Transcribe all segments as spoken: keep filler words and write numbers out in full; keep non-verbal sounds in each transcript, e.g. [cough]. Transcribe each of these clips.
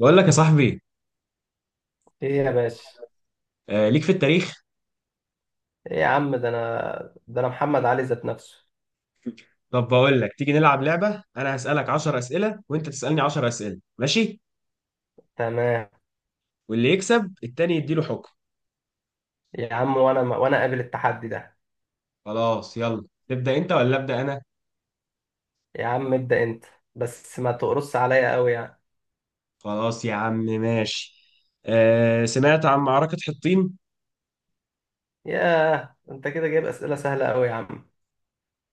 بقول لك يا صاحبي ايه يا باشا. آه، ليك في التاريخ. ايه يا عم، ده انا ده انا محمد علي ذات نفسه. طب بقول لك تيجي نلعب لعبة، انا هسألك عشر أسئلة وانت تسألني عشر أسئلة ماشي؟ تمام واللي يكسب التاني يديله حكم. يا عم، وانا وانا قابل التحدي ده. خلاص، يلا تبدأ انت ولا أبدأ انا؟ يا عم، ابدأ انت. بس ما تقرص عليا قوي يعني. خلاص يا عم ماشي. آه، سمعت عن معركة حطين؟ ياه، انت كده جايب اسئلة سهلة قوي يا عم.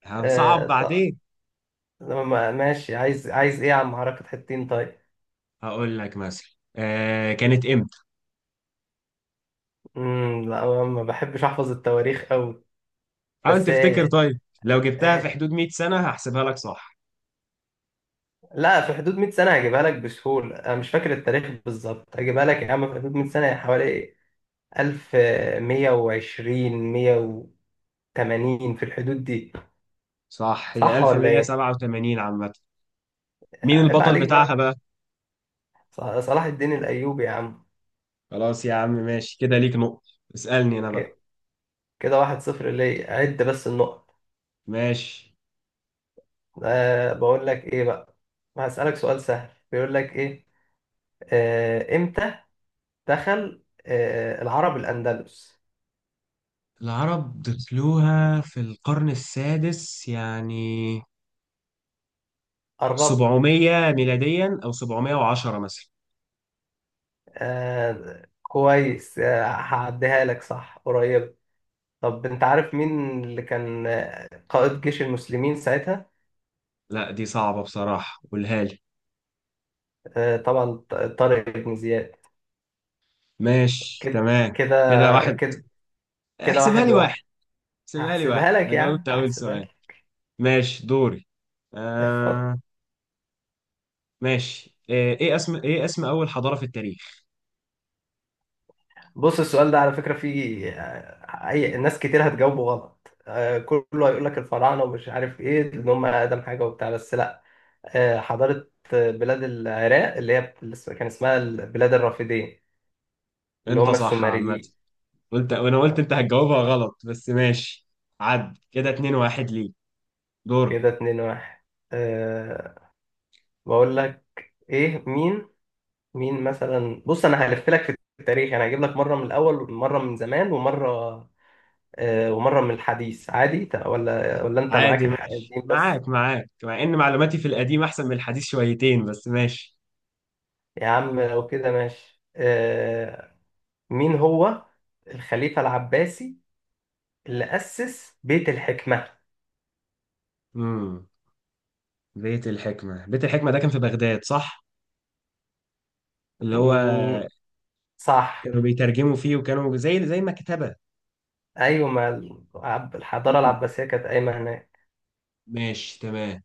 هنصعب آه طب. بعدين. ما- ماشي، عايز عايز ايه يا عم؟ حركة حتتين؟ طيب. هقول لك مثلا. آه، كانت امتى؟ امم لا، أنا ما بحبش احفظ التواريخ قوي. حاول بس تفتكر، آه، طيب لو جبتها في آه، حدود مية سنة هحسبها لك صح. لا، في حدود مئة سنة هجيبها لك بسهولة. انا مش فاكر التاريخ بالظبط، هجيبها لك يا عم في حدود مئة سنة يعني. حوالي ألف مية وعشرين مية وتمانين، في الحدود دي. صح، هي صح ولا إيه؟ ألف ومئة وسبعة وثمانين عامة. مين عيب البطل عليك بتاعها بقى. بقى؟ ص- صلاح الدين الأيوبي يا عم. خلاص يا عم ماشي، كده ليك نقطة. اسألني أنا بقى. ك- كده واحد صفر. ليه؟ عد بس النقط. ماشي. أه بقول لك إيه بقى. هسألك سؤال سهل، بيقول لك إيه. أه إمتى دخل أه العرب الأندلس؟ العرب دخلوها في القرن السادس يعني، قربت. سبعمية ميلاديا أو سبعمية وعشرة مثلا. أه كويس، آه، هعديها لك، صح قريب. طب أنت عارف مين اللي كان آه، قائد جيش المسلمين ساعتها؟ لا دي صعبة بصراحة، قولها لي. آه، طبعا ط- طارق بن زياد. ماشي كده تمام، كده كده واحد. كده كده احسبها واحد لي واحد واحد. احسبها لي واحد، هحسبها لك أنا يعني، جاوبت أول هحسبها سؤال. لك. ماشي، دوري. اتفضل. آه. ماشي، إيه إيه اسم إيه اسم أول حضارة في التاريخ؟ بص، السؤال ده على فكرة فيه آه، أي ناس كتير هتجاوبه غلط. آه، كله هيقول لك الفراعنة ومش عارف إيه، إن هم أقدم حاجة وبتاع. بس لأ. آه، حضارة آه، بلاد العراق، اللي هي اللي اسم- كان اسمها بلاد الرافدين، اللي أنت هم صح عامة. السومريين. قلت وانا قلت انت هتجاوبها غلط، بس ماشي. عد كده اتنين واحد ليك. دورك. كده اتنين واحد. أه بقول لك إيه. مين مين مثلا؟ بص، انا هلف لك في التاريخ يعني. هجيب لك مره من الاول، مره من زمان، ومره آه، ومره من الحديث. عادي، ت- ولا ولا انت معاك عادي ماشي، الحقيقتين بس؟ معاك معاك مع ان معلوماتي في القديم احسن من الحديث شويتين، بس ماشي. يا عم لو كده ماشي. آه، مين هو الخليفه العباسي اللي اسس بيت الحكمه؟ امم بيت الحكمة بيت الحكمة ده كان في بغداد صح؟ اللي هو مم، صح. كانوا بيترجموا فيه، وكانوا زي زي مكتبة. ايوه، ما العب- الحضاره مم. العباسيه كانت قايمه هناك. ماشي تمام.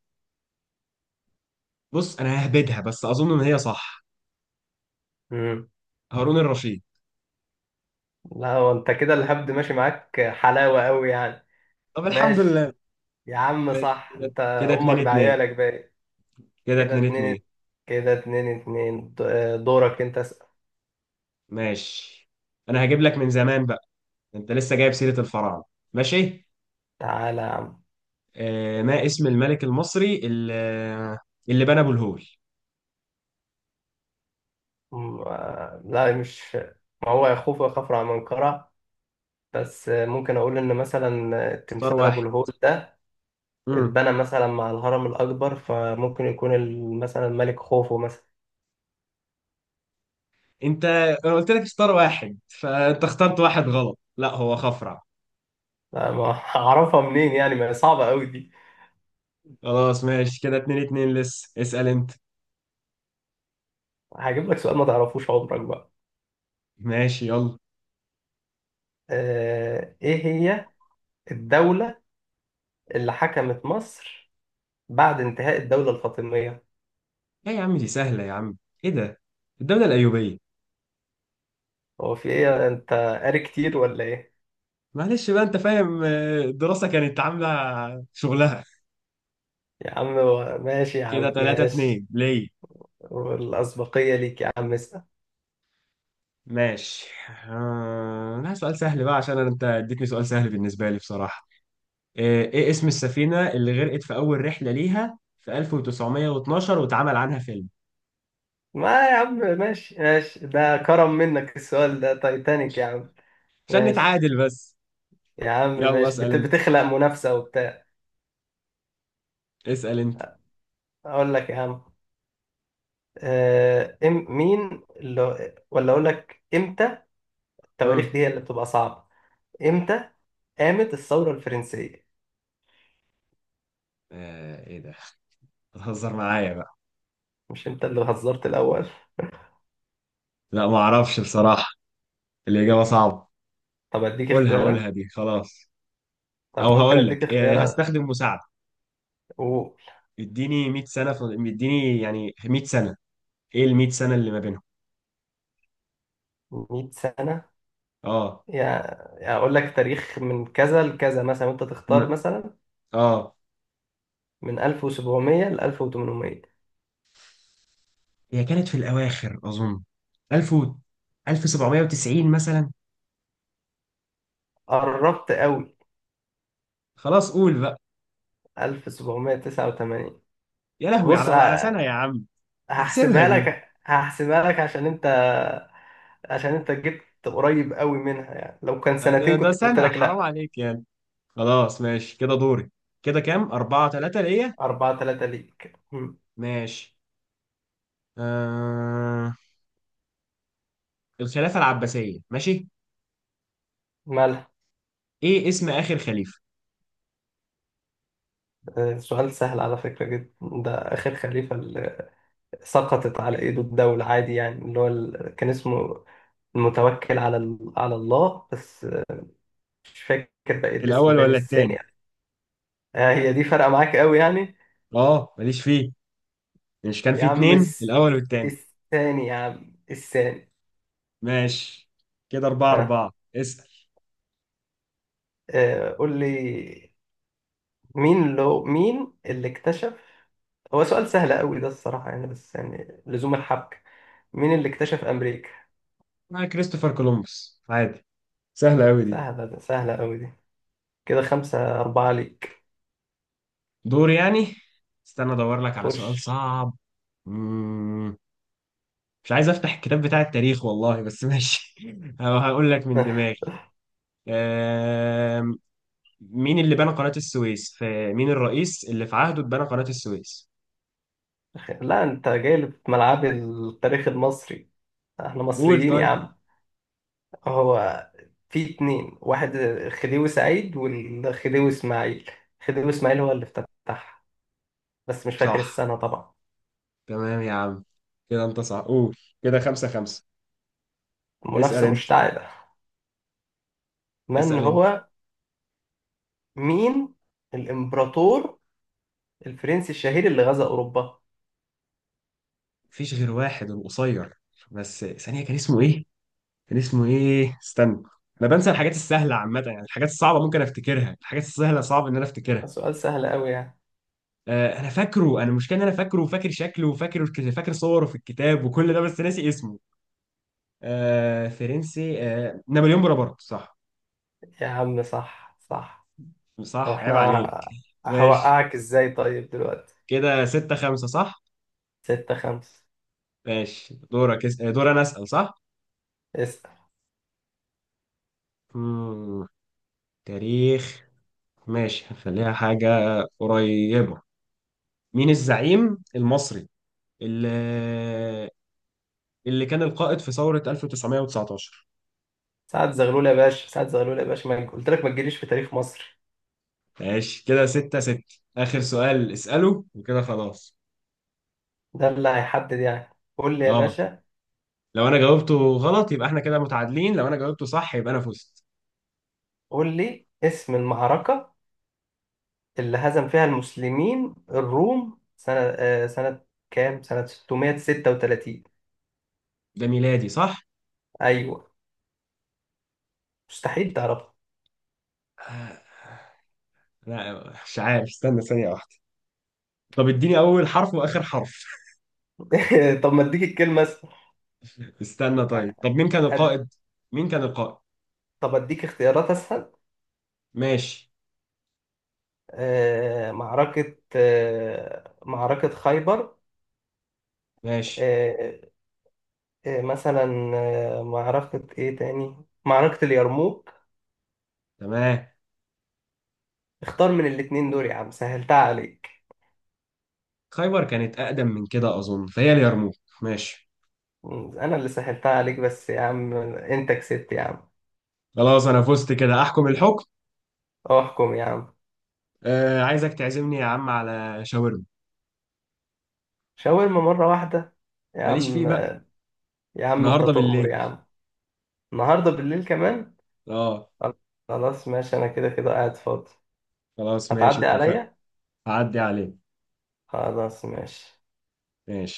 بص انا ههبدها بس اظن ان هي صح. مم. هارون الرشيد. لا هو انت كده الهبد ماشي معاك حلاوه قوي يعني. طب الحمد ماشي لله. يا عم، ماشي صح، كده، انت كده امك اتنين اتنين. دعيالك بقى. كده كده اتنين اتنين اتنين. كده اتنين اتنين، د- دورك انت اسأل. ماشي، انا هجيب لك من زمان بقى. انت لسه جايب سيرة الفراعنة. ماشي. تعالى يا عم. آه، ما اسم الملك المصري اللي, اللي بنى ابو الهول؟ م- آه، لا مش. ما هو يخوف ويخاف على منقرة. بس آه، ممكن اقول ان مثلا آه، اختار تمثال واحد. ابو الهول ده مم. اتبنى مثلا مع الهرم الاكبر، فممكن يكون ال- مثلا ملك خوفو مثلا. انت انا قلت لك اختار واحد، فانت اخترت واحد غلط. لا هو خفرع. لا، ما [laughs] هعرفها منين يعني؟ ما هي صعبة قوي دي. خلاص ماشي كده اتنين اتنين، لسه اسأل انت. هجيب لك سؤال ما تعرفوش عمرك بقى. ماشي يلا. آه، ايه هي الدولة اللي حكمت مصر بعد انتهاء الدولة الفاطمية؟ ايه يا عم دي سهلة يا عم. ايه ده. الدولة الأيوبية. هو في ايه؟ انت قاري كتير ولا ايه؟ معلش بقى انت فاهم، آه، الدراسة كانت عاملة شغلها. يا عم هو- ماشي يا كده عم، تلاتة ماشي. اتنين ليه. والأسبقية ليك يا عم، اسأل. ماشي. آه، أنا سؤال سهل بقى، عشان أنا- أنت اديتني سؤال سهل بالنسبة لي بصراحة. إيه إيه اسم السفينة اللي غرقت في أول رحلة ليها في ألف وتسعمئة واثنا عشر واتعمل عنها فيلم؟ ما يا عم ماشي، ماشي. ده كرم منك السؤال ده. تايتانيك يا عم. عشان ماشي نتعادل بس. يا عم، يلا ماشي، اسأل بت- أنت. بتخلق منافسة وبتاع. اسأل أنت. أقول لك يا عم، آه، إم مين اللي ولا أقول لك إمتى. التواريخ دي امم هي اللي بتبقى صعبة. إمتى قامت الثورة الفرنسية؟ آه، إيه ده، بتهزر معايا بقى؟ مش أنت اللي هزرت الأول؟ لا ما أعرفش بصراحة، الإجابة صعبة. طب أديك قولها قولها اختيارات. دي خلاص. طب أو ممكن هقول أديك لك إيه، اختيارات. هستخدم مساعدة. و اديني مئة سنة في، اديني يعني مية سنة. إيه ال مئة سنة اللي ما بينهم؟ مية سنة أه يعني. أقول لك تاريخ من كذا لكذا مثلا، وأنت م- تختار مثلا اه من ألف وسبعمية ل ألف وتمنمية. هي كانت في الأواخر أظن، ألف و ألف وسبعمية وتسعين مثلا. قربت قوي. خلاص قول بقى. ألف وسبعمية تسعة وتمانين. يا لهوي، بص على على سنة يا ه- عم. احسبها هحسبها دي. لك، هحسبها لك. عشان أنت، عشان أنت جبت قريب قوي منها يعني. لو كان ده, سنتين ده كنت قلت سنة لك حرام لأ. عليك يعني. خلاص ماشي كده دوري. كده كام، أربعة تلاتة ليا. أربعة تلاتة ليك. مم. ماشي. آه... الخلافة العباسية ماشي. مالها؟ إيه اسم آخر خليفة؟ آه، سؤال سهل على فكرة جدا ده. آخر خليفة اللي سقطت على إيده الدولة عادي يعني، اللي هو ال- كان اسمه المتوكل على ال- على الله، بس مش فاكر بقى الاسم الأول بين ولا التاني؟ الثاني. آه، هي دي فارقة معاك قوي يعني. آه، ماليش فيه. مش كان يا فيه عم اتنين، الس- الأول والتاني؟ الثاني يا عم، الثاني. ماشي كده أربعة ها، أربعة، اسأل. آه قول لي، مين لو مين اللي اكتشف. هو سؤال سهل قوي ده الصراحة يعني، بس يعني لزوم الحبكة. مين اللي اكتشف أمريكا؟ آه، كريستوفر كولومبوس عادي. سهلة أوي دي. سهلة، ده سهلة قوي دي. كده خمسة أربعة ليك. دور يعني. استنى ادور لك على خش. سؤال صعب. مم. مش عايز افتح الكتاب بتاع التاريخ والله، بس ماشي [laughs] أو هقول لك من [laughs] دماغي. آم، مين اللي بنى قناة السويس، في مين الرئيس اللي في عهده اتبنى قناة السويس؟ لا، انت جاي لي في ملعب التاريخ المصري. احنا قول مصريين يا طيب. عم. هو في اتنين، واحد خديوي سعيد والخديوي اسماعيل. خديوي اسماعيل هو اللي افتتحها، بس مش فاكر صح، السنة طبعا. تمام يا عم. كده انت صح، قول. كده خمسة خمسة. اسأل منافسة انت. مشتعلة. من اسأل انت. هو، مين الإمبراطور الفرنسي الشهير اللي غزا أوروبا؟ مفيش غير واحد، القصير. بس ثانية، كان اسمه ايه. كان اسمه ايه، استنى. انا بنسى الحاجات السهله عامه يعني، الحاجات الصعبه ممكن افتكرها، الحاجات السهله صعب ان انا افتكرها. سؤال سهل أوي يعني. آه انا فاكره، انا المشكله ان انا فاكره وفاكر شكله وفاكر. فاكر صوره في الكتاب وكل ده، بس ناسي اسمه. آه فرنسي، آه نابليون بونابرت صح. يا عم صح، صح. طب صح عيب عليك. احنا ماشي هوقعك ازاي طيب دلوقتي. كده ستة خمسة صح. ستة خمسة. ماشي دورك، اس- آه، دور انا اسال صح. اسأل. مم. تاريخ. ماشي هنخليها حاجه قريبه. مين الزعيم المصري اللي اللي كان القائد في ثورة ألف وتسعمئة وتسعة عشر؟ سعد زغلول يا باشا، سعد زغلول يا باشا. ما قلت لك ما تجيليش في تاريخ مصر. ماشي كده ستة ستة. آخر سؤال اسأله وكده خلاص. ده اللي هيحدد يعني. قول لي يا اه. باشا. لو أنا جاوبته غلط يبقى احنا كده متعادلين، لو أنا جاوبته صح يبقى أنا فزت. قول لي اسم المعركة اللي هزم فيها المسلمين الروم سنة، آه، سنة كام؟ سنة ستمية وستة وتلاتين. ده ميلادي صح؟ أيوه. مستحيل تعرفها. آه، لا مش عارف، استنى ثانية واحدة. طب اديني أول حرف وآخر حرف. [laughs] طب ما اديك الكلمة أسهل. استنى طيب، طب مين كان أد- القائد؟ مين كان القائد؟ طب اديك اختيارات أسهل. ماشي. آه، معركة آه، معركة خيبر. ماشي آه، آه، مثلا آه، معركة إيه تاني؟ معركة اليرموك. تمام. اختار من الاتنين دول يا عم، سهلتها عليك. خيبر كانت أقدم من كده أظن، فهي اليرموك. ماشي. أنا اللي سهلتها عليك بس يا عم، أنت كسبت يا عم. خلاص أنا فزت كده، أحكم الحكم. احكم يا عم. آه عايزك تعزمني يا عم على شاورما. شاورما مرة واحدة يا ماليش فيه عم. بقى. يا عم انت النهارده تؤمر بالليل. يا عم. النهاردة بالليل كمان. اه. خلاص ماشي، انا كده كده قاعد فاضي. خلاص ماشي هتعدي اتفقنا. عليا. هعدي عليك. خلاص ماشي. ماشي